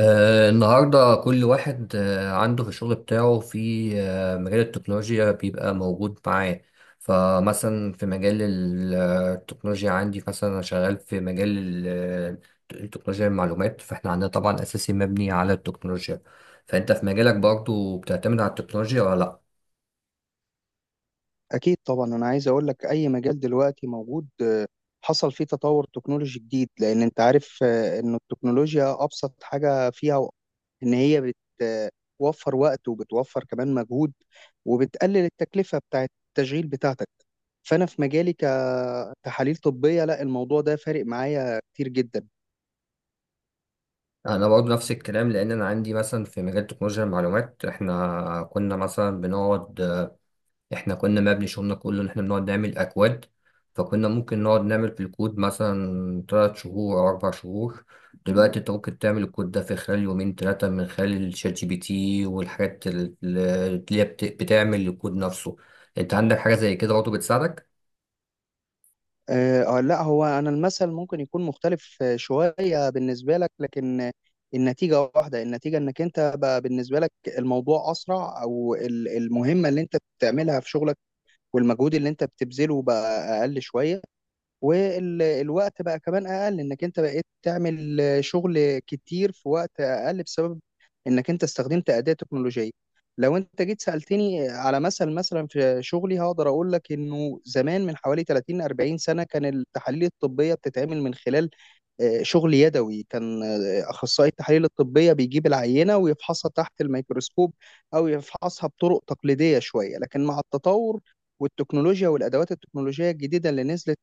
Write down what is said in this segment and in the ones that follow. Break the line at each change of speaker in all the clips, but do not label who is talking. النهاردة كل واحد عنده في الشغل بتاعه في مجال التكنولوجيا بيبقى موجود معاه. فمثلا في مجال التكنولوجيا، عندي مثلا أنا شغال في مجال التكنولوجيا المعلومات، فاحنا عندنا طبعا أساسي مبني على التكنولوجيا. فأنت في مجالك برضو بتعتمد على التكنولوجيا ولا لأ؟
أكيد طبعا أنا عايز أقول لك أي مجال دلوقتي موجود حصل فيه تطور تكنولوجي جديد، لأن أنت عارف إن التكنولوجيا أبسط حاجة فيها إن هي بتوفر وقت وبتوفر كمان مجهود وبتقلل التكلفة بتاعة التشغيل بتاعتك. فأنا في مجالي كتحاليل طبية، لا، الموضوع ده فارق معايا كتير جدا.
أنا برضو نفس الكلام، لأن أنا عندي مثلا في مجال تكنولوجيا المعلومات. احنا كنا مثلا بنقعد، احنا كنا مبني شغلنا كله ان احنا بنقعد نعمل اكواد. فكنا ممكن نقعد نعمل في الكود مثلا 3 شهور او 4 شهور. دلوقتي انت ممكن تعمل الكود ده في خلال يومين تلاتة من خلال الشات جي بي تي والحاجات اللي هي بتعمل الكود نفسه. انت عندك حاجة زي كده برضه بتساعدك؟
لا، هو انا المثل ممكن يكون مختلف شويه بالنسبه لك، لكن النتيجه واحده. النتيجه انك انت بقى بالنسبه لك الموضوع اسرع، او ال- المهمه اللي انت بتعملها في شغلك والمجهود اللي انت بتبذله بقى اقل شويه، والوقت بقى كمان اقل، انك انت بقيت تعمل شغل كتير في وقت اقل بسبب انك انت استخدمت اداة تكنولوجية. لو انت جيت سألتني على مثل، مثلا في شغلي هقدر اقول لك انه زمان من حوالي 30 40 سنة كان التحاليل الطبية بتتعمل من خلال شغل يدوي. كان اخصائي التحاليل الطبية بيجيب العينة ويفحصها تحت الميكروسكوب او يفحصها بطرق تقليدية شوية. لكن مع التطور والتكنولوجيا والادوات التكنولوجيه الجديده اللي نزلت،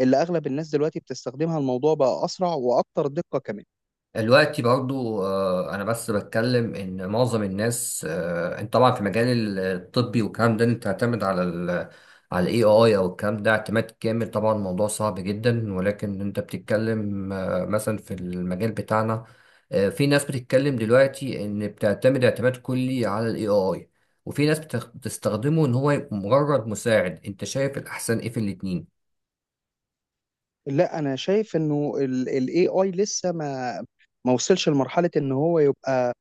اللي اغلب الناس دلوقتي بتستخدمها، الموضوع بقى اسرع واكتر دقه كمان.
دلوقتي برضو، انا بس بتكلم ان معظم الناس، انت طبعا في مجال الطبي والكلام ده انت تعتمد على على الاي اي او الكلام ده اعتماد كامل. طبعا الموضوع صعب جدا، ولكن انت بتتكلم مثلا في المجال بتاعنا. في ناس بتتكلم دلوقتي ان بتعتمد اعتماد كلي على الاي اي، وفي ناس بتستخدمه ان هو مجرد مساعد. انت شايف الاحسن ايه في الاتنين؟
لا، انا شايف انه الاي اي لسه ما وصلش لمرحله ان هو يبقى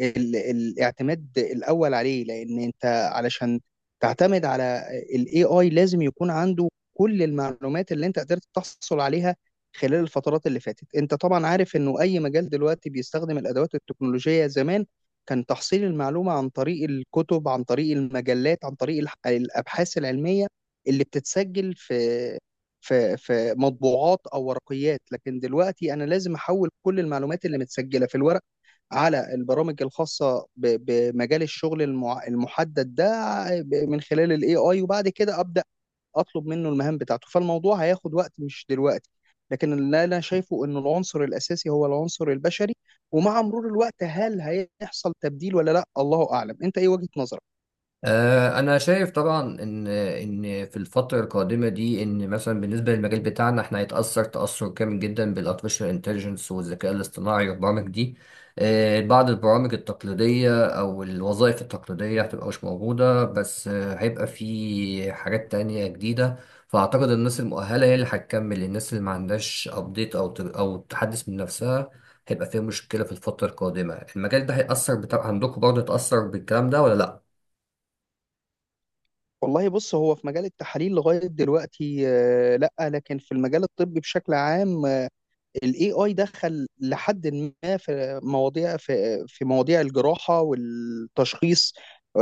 ال- الاعتماد الاول عليه. لان انت علشان تعتمد على الاي اي لازم يكون عنده كل المعلومات اللي انت قدرت تحصل عليها خلال الفترات اللي فاتت. انت طبعا عارف انه اي مجال دلوقتي بيستخدم الادوات التكنولوجية. زمان كان تحصيل المعلومة عن طريق الكتب، عن طريق المجلات، عن طريق الح- الابحاث العلمية اللي بتتسجل في مطبوعات او ورقيات. لكن دلوقتي انا لازم احول كل المعلومات اللي متسجلة في الورق على البرامج الخاصة ب- بمجال الشغل المع- المحدد ده ب- من خلال الاي اي، وبعد كده ابدا اطلب منه المهام بتاعته. فالموضوع هياخد وقت، مش دلوقتي. لكن اللي انا شايفه ان العنصر الاساسي هو العنصر البشري. ومع مرور الوقت هل هيحصل تبديل ولا لا، الله اعلم. انت ايه وجهة نظرك؟
انا شايف طبعا ان في الفتره القادمه دي، ان مثلا بالنسبه للمجال بتاعنا، احنا هيتاثر تاثر كامل جدا بالارتفيشال انتليجنس والذكاء الاصطناعي والبرامج دي. بعض البرامج التقليديه او الوظائف التقليديه هتبقى مش موجوده، بس هيبقى في حاجات تانية جديده. فاعتقد الناس المؤهله هي اللي هتكمل، الناس اللي ما عندهاش ابديت او تحدث من نفسها هيبقى فيها مشكله في الفتره القادمه. المجال ده هيأثر، بتاع عندكم برضه هيتأثر بالكلام ده ولا لا؟
والله، بص، هو في مجال التحاليل لغاية دلوقتي لا، لكن في المجال الطبي بشكل عام الاي اي دخل لحد ما في مواضيع، في مواضيع الجراحه والتشخيص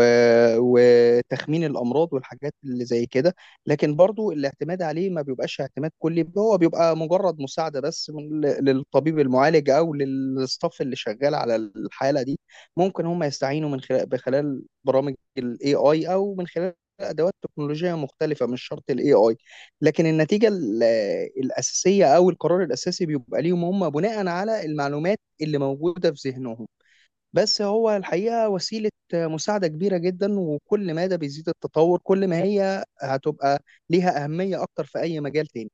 وتخمين الامراض والحاجات اللي زي كده. لكن برضو الاعتماد عليه ما بيبقاش اعتماد كلي، هو بيبقى مجرد مساعده بس من- للطبيب المعالج او للستاف اللي شغال على الحاله دي. ممكن هم يستعينوا من خلال بخلال برامج الاي اي او من خلال ادوات تكنولوجيه مختلفه، مش شرط الاي اي. لكن النتيجه ال- الاساسيه او القرار الاساسي بيبقى ليهم هم بناء على المعلومات اللي موجوده في ذهنهم. بس هو الحقيقه وسيله مساعده كبيره جدا، وكل ما ده بيزيد التطور كل ما هي هتبقى ليها اهميه اكتر في اي مجال تاني.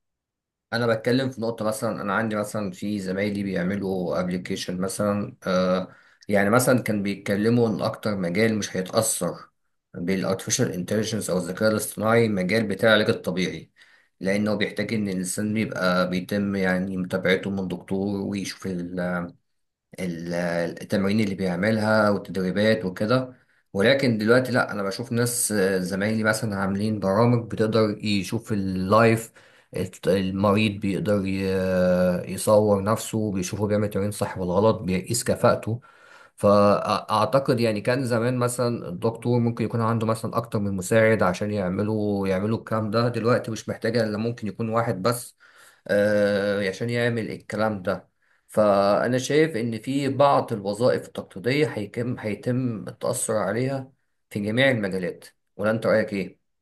انا بتكلم في نقطه، مثلا انا عندي مثلا في زمايلي بيعملوا ابلكيشن مثلا. يعني مثلا كان بيتكلموا ان اكتر مجال مش هيتاثر بالارتفيشال انتليجنس او الذكاء الاصطناعي مجال بتاع العلاج الطبيعي، لانه بيحتاج ان الانسان بيبقى بيتم يعني متابعته من دكتور، ويشوف ال- التمارين اللي بيعملها والتدريبات وكده. ولكن دلوقتي لا، انا بشوف ناس، زمايلي مثلا عاملين برامج بتقدر يشوف اللايف. المريض بيقدر يصور نفسه، بيشوفه بيعمل تمرين صح ولا غلط، بيقيس كفاءته. فأعتقد يعني كان زمان مثلا الدكتور ممكن يكون عنده مثلا أكتر من مساعد عشان يعملوا الكلام ده. دلوقتي مش محتاجة إلا ممكن يكون واحد بس، عشان يعمل الكلام ده. فأنا شايف إن في بعض الوظائف التقليدية هيتم التأثر عليها في جميع المجالات. ولا أنت رأيك إيه؟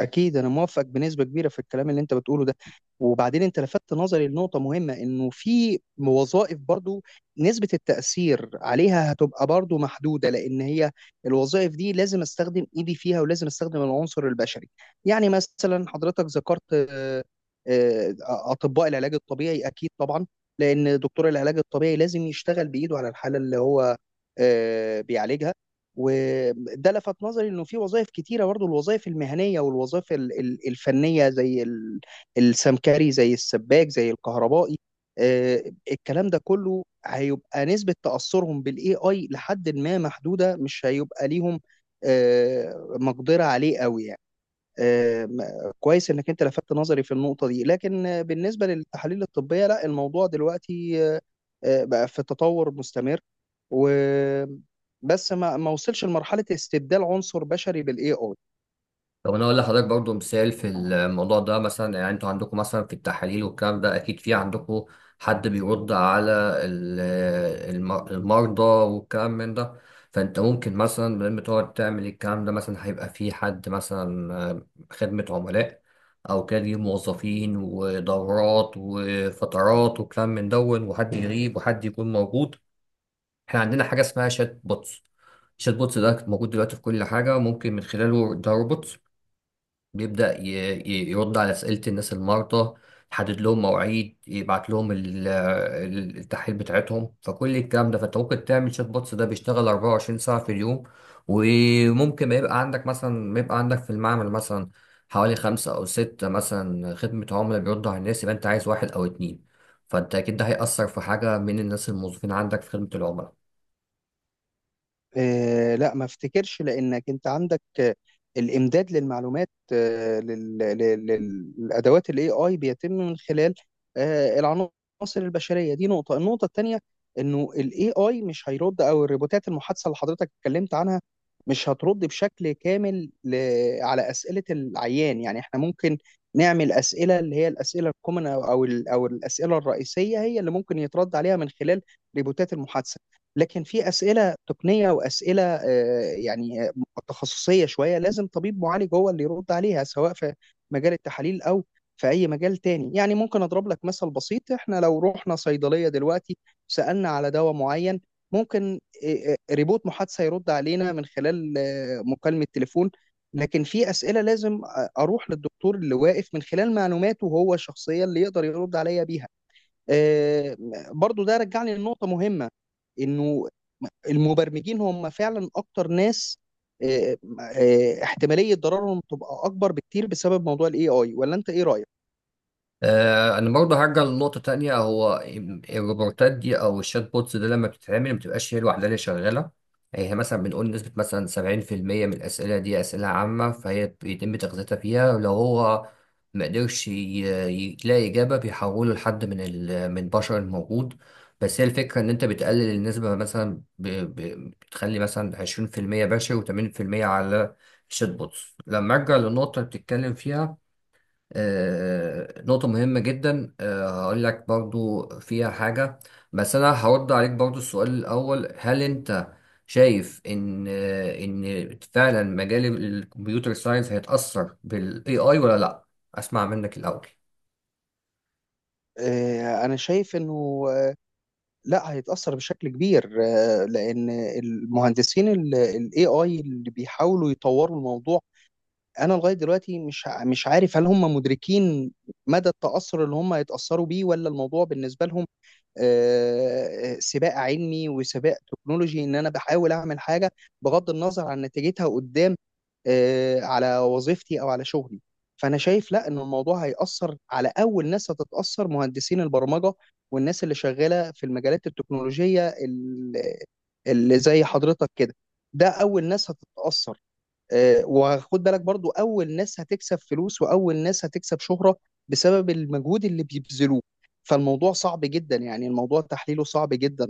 اكيد انا موافق بنسبه كبيره في الكلام اللي انت بتقوله ده. وبعدين انت لفتت نظري لنقطه مهمه، انه في وظائف برضو نسبه التاثير عليها هتبقى برضو محدوده، لان هي الوظائف دي لازم استخدم ايدي فيها ولازم استخدم العنصر البشري. يعني مثلا حضرتك ذكرت آه، اطباء العلاج الطبيعي، اكيد طبعا، لان دكتور العلاج الطبيعي لازم يشتغل بايده على الحاله اللي هو بيعالجها. وده لفت نظري انه في وظائف كتيره برضه، الوظائف المهنيه والوظائف ال- ال- الفنيه زي ال- السمكري، زي السباك، زي الكهربائي، آه، الكلام ده كله هيبقى نسبه تاثرهم بالاي اي لحد ما محدوده، مش هيبقى ليهم مقدره عليه قوي يعني. آم، كويس انك انت لفتت نظري في النقطة دي. لكن بالنسبة للتحاليل الطبية لا، الموضوع دلوقتي بقى في تطور مستمر، و بس ما وصلش لمرحلة استبدال عنصر بشري بالاي اي.
طب انا اقول لحضرتك برضو مثال في الموضوع ده. مثلا يعني انتوا عندكم مثلا في التحاليل والكلام ده، اكيد في عندكم حد بيرد على ال- المرضى والكلام من ده. فانت ممكن مثلا لما تقعد تعمل الكلام ده، مثلا هيبقى في حد مثلا خدمة عملاء، او كان ليه موظفين ودورات وفترات وكلام من دون، وحد يغيب وحد يكون موجود. احنا عندنا حاجة اسمها شات بوتس. الشات بوتس ده موجود دلوقتي في كل حاجة، ممكن من خلاله، ده روبوت بيبدأ يرد على أسئلة الناس المرضى، يحدد لهم مواعيد، يبعت لهم التحاليل بتاعتهم، فكل الكلام ده. فانت ممكن تعمل شات بوتس ده بيشتغل 24 ساعة في اليوم، وممكن ما يبقى عندك في المعمل مثلا حوالي خمسة أو ستة مثلا خدمة عملاء بيردوا على الناس، يبقى أنت عايز واحد أو اتنين. فأنت أكيد ده هيأثر في حاجة من الناس الموظفين عندك في خدمة العملاء.
آه، لا، ما افتكرش، لانك انت عندك الامداد للمعلومات للادوات الاي اي بيتم من خلال العناصر البشريه دي. نقطه، النقطه الثانيه انه الاي اي مش هيرد، او الروبوتات المحادثه اللي حضرتك اتكلمت عنها مش هترد بشكل كامل ل- على اسئله العيان. يعني احنا ممكن نعمل اسئله اللي هي الاسئله الكومن او ال- أو الاسئله الرئيسيه هي اللي ممكن يترد عليها من خلال روبوتات المحادثه. لكن في اسئله تقنيه واسئله يعني تخصصيه شويه لازم طبيب معالج هو اللي يرد عليها، سواء في مجال التحاليل او في اي مجال تاني. يعني ممكن اضرب لك مثل بسيط، احنا لو رحنا صيدليه دلوقتي سالنا على دواء معين ممكن ريبوت محادثه يرد علينا من خلال مكالمه تليفون. لكن في اسئله لازم اروح للدكتور اللي واقف من خلال معلوماته هو الشخصيه اللي يقدر يرد عليا بيها. آه، برضو ده رجعني لنقطه مهمه، انه المبرمجين هم فعلا اكتر ناس آه، احتماليه ضررهم تبقى اكبر بكتير بسبب موضوع الاي اي. ولا انت ايه رايك؟
انا برضه هرجع لنقطه تانية. هو الروبوتات دي او الشات بوتس ده لما بتتعمل ما بتبقاش هي لوحدها اللي شغاله، يعني هي مثلا بنقول نسبه مثلا 70% من الاسئله دي اسئله عامه، فهي بيتم تغذيتها فيها. ولو هو ما قدرش يلاقي اجابه، بيحوله لحد من البشر الموجود. بس هي الفكره ان انت بتقلل النسبه مثلا، بتخلي مثلا 20% بشر و80% على الشات بوتس. لما ارجع للنقطه اللي بتتكلم فيها، نقطة مهمة جدا. هقول لك برضو فيها حاجة، بس أنا هرد عليك برضو السؤال الأول. هل أنت شايف إن فعلا مجال الكمبيوتر ساينس هيتأثر بال AI ولا لأ؟ أسمع منك الأول.
انا شايف انه لا، هيتاثر بشكل كبير، لان المهندسين الاي اي اللي بيحاولوا يطوروا الموضوع، انا لغايه دلوقتي مش عارف هل هم مدركين مدى التاثر اللي هم هيتاثروا بيه، ولا الموضوع بالنسبه لهم سباق علمي وسباق تكنولوجي ان انا بحاول اعمل حاجه بغض النظر عن نتيجتها قدام على وظيفتي او على شغلي. فانا شايف لا ان الموضوع هيأثر، على اول ناس هتتأثر مهندسين البرمجه والناس اللي شغاله في المجالات التكنولوجيه ال- اللي زي حضرتك كده. ده اول ناس هتتأثر. وخد بالك برضو اول ناس هتكسب فلوس واول ناس هتكسب شهرة بسبب المجهود اللي بيبذلوه. فالموضوع صعب جدا، يعني الموضوع تحليله صعب جدا.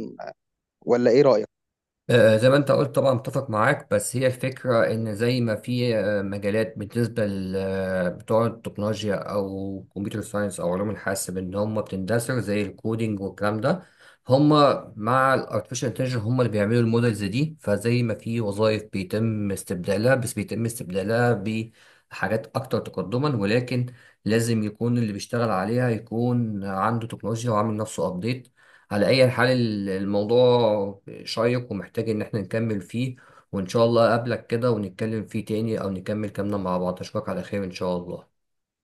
ولا ايه رأيك؟
زي ما انت قلت طبعا متفق معاك. بس هي الفكرة ان زي ما في مجالات بالنسبة لبتوع التكنولوجيا او كمبيوتر ساينس او علوم الحاسب ان هم بتندثر زي الكودينج والكلام ده، هم مع الارتفيشال انتليجنس هم اللي بيعملوا المودلز دي. فزي ما في وظائف بيتم استبدالها، بس بيتم استبدالها بحاجات اكتر تقدما، ولكن لازم يكون اللي بيشتغل عليها يكون عنده تكنولوجيا وعامل نفسه ابديت. على أي حال، الموضوع شيق ومحتاج إن احنا نكمل فيه، وإن شاء الله أقابلك كده ونتكلم فيه تاني أو نكمل كلامنا مع بعض. أشوفك على خير إن شاء الله.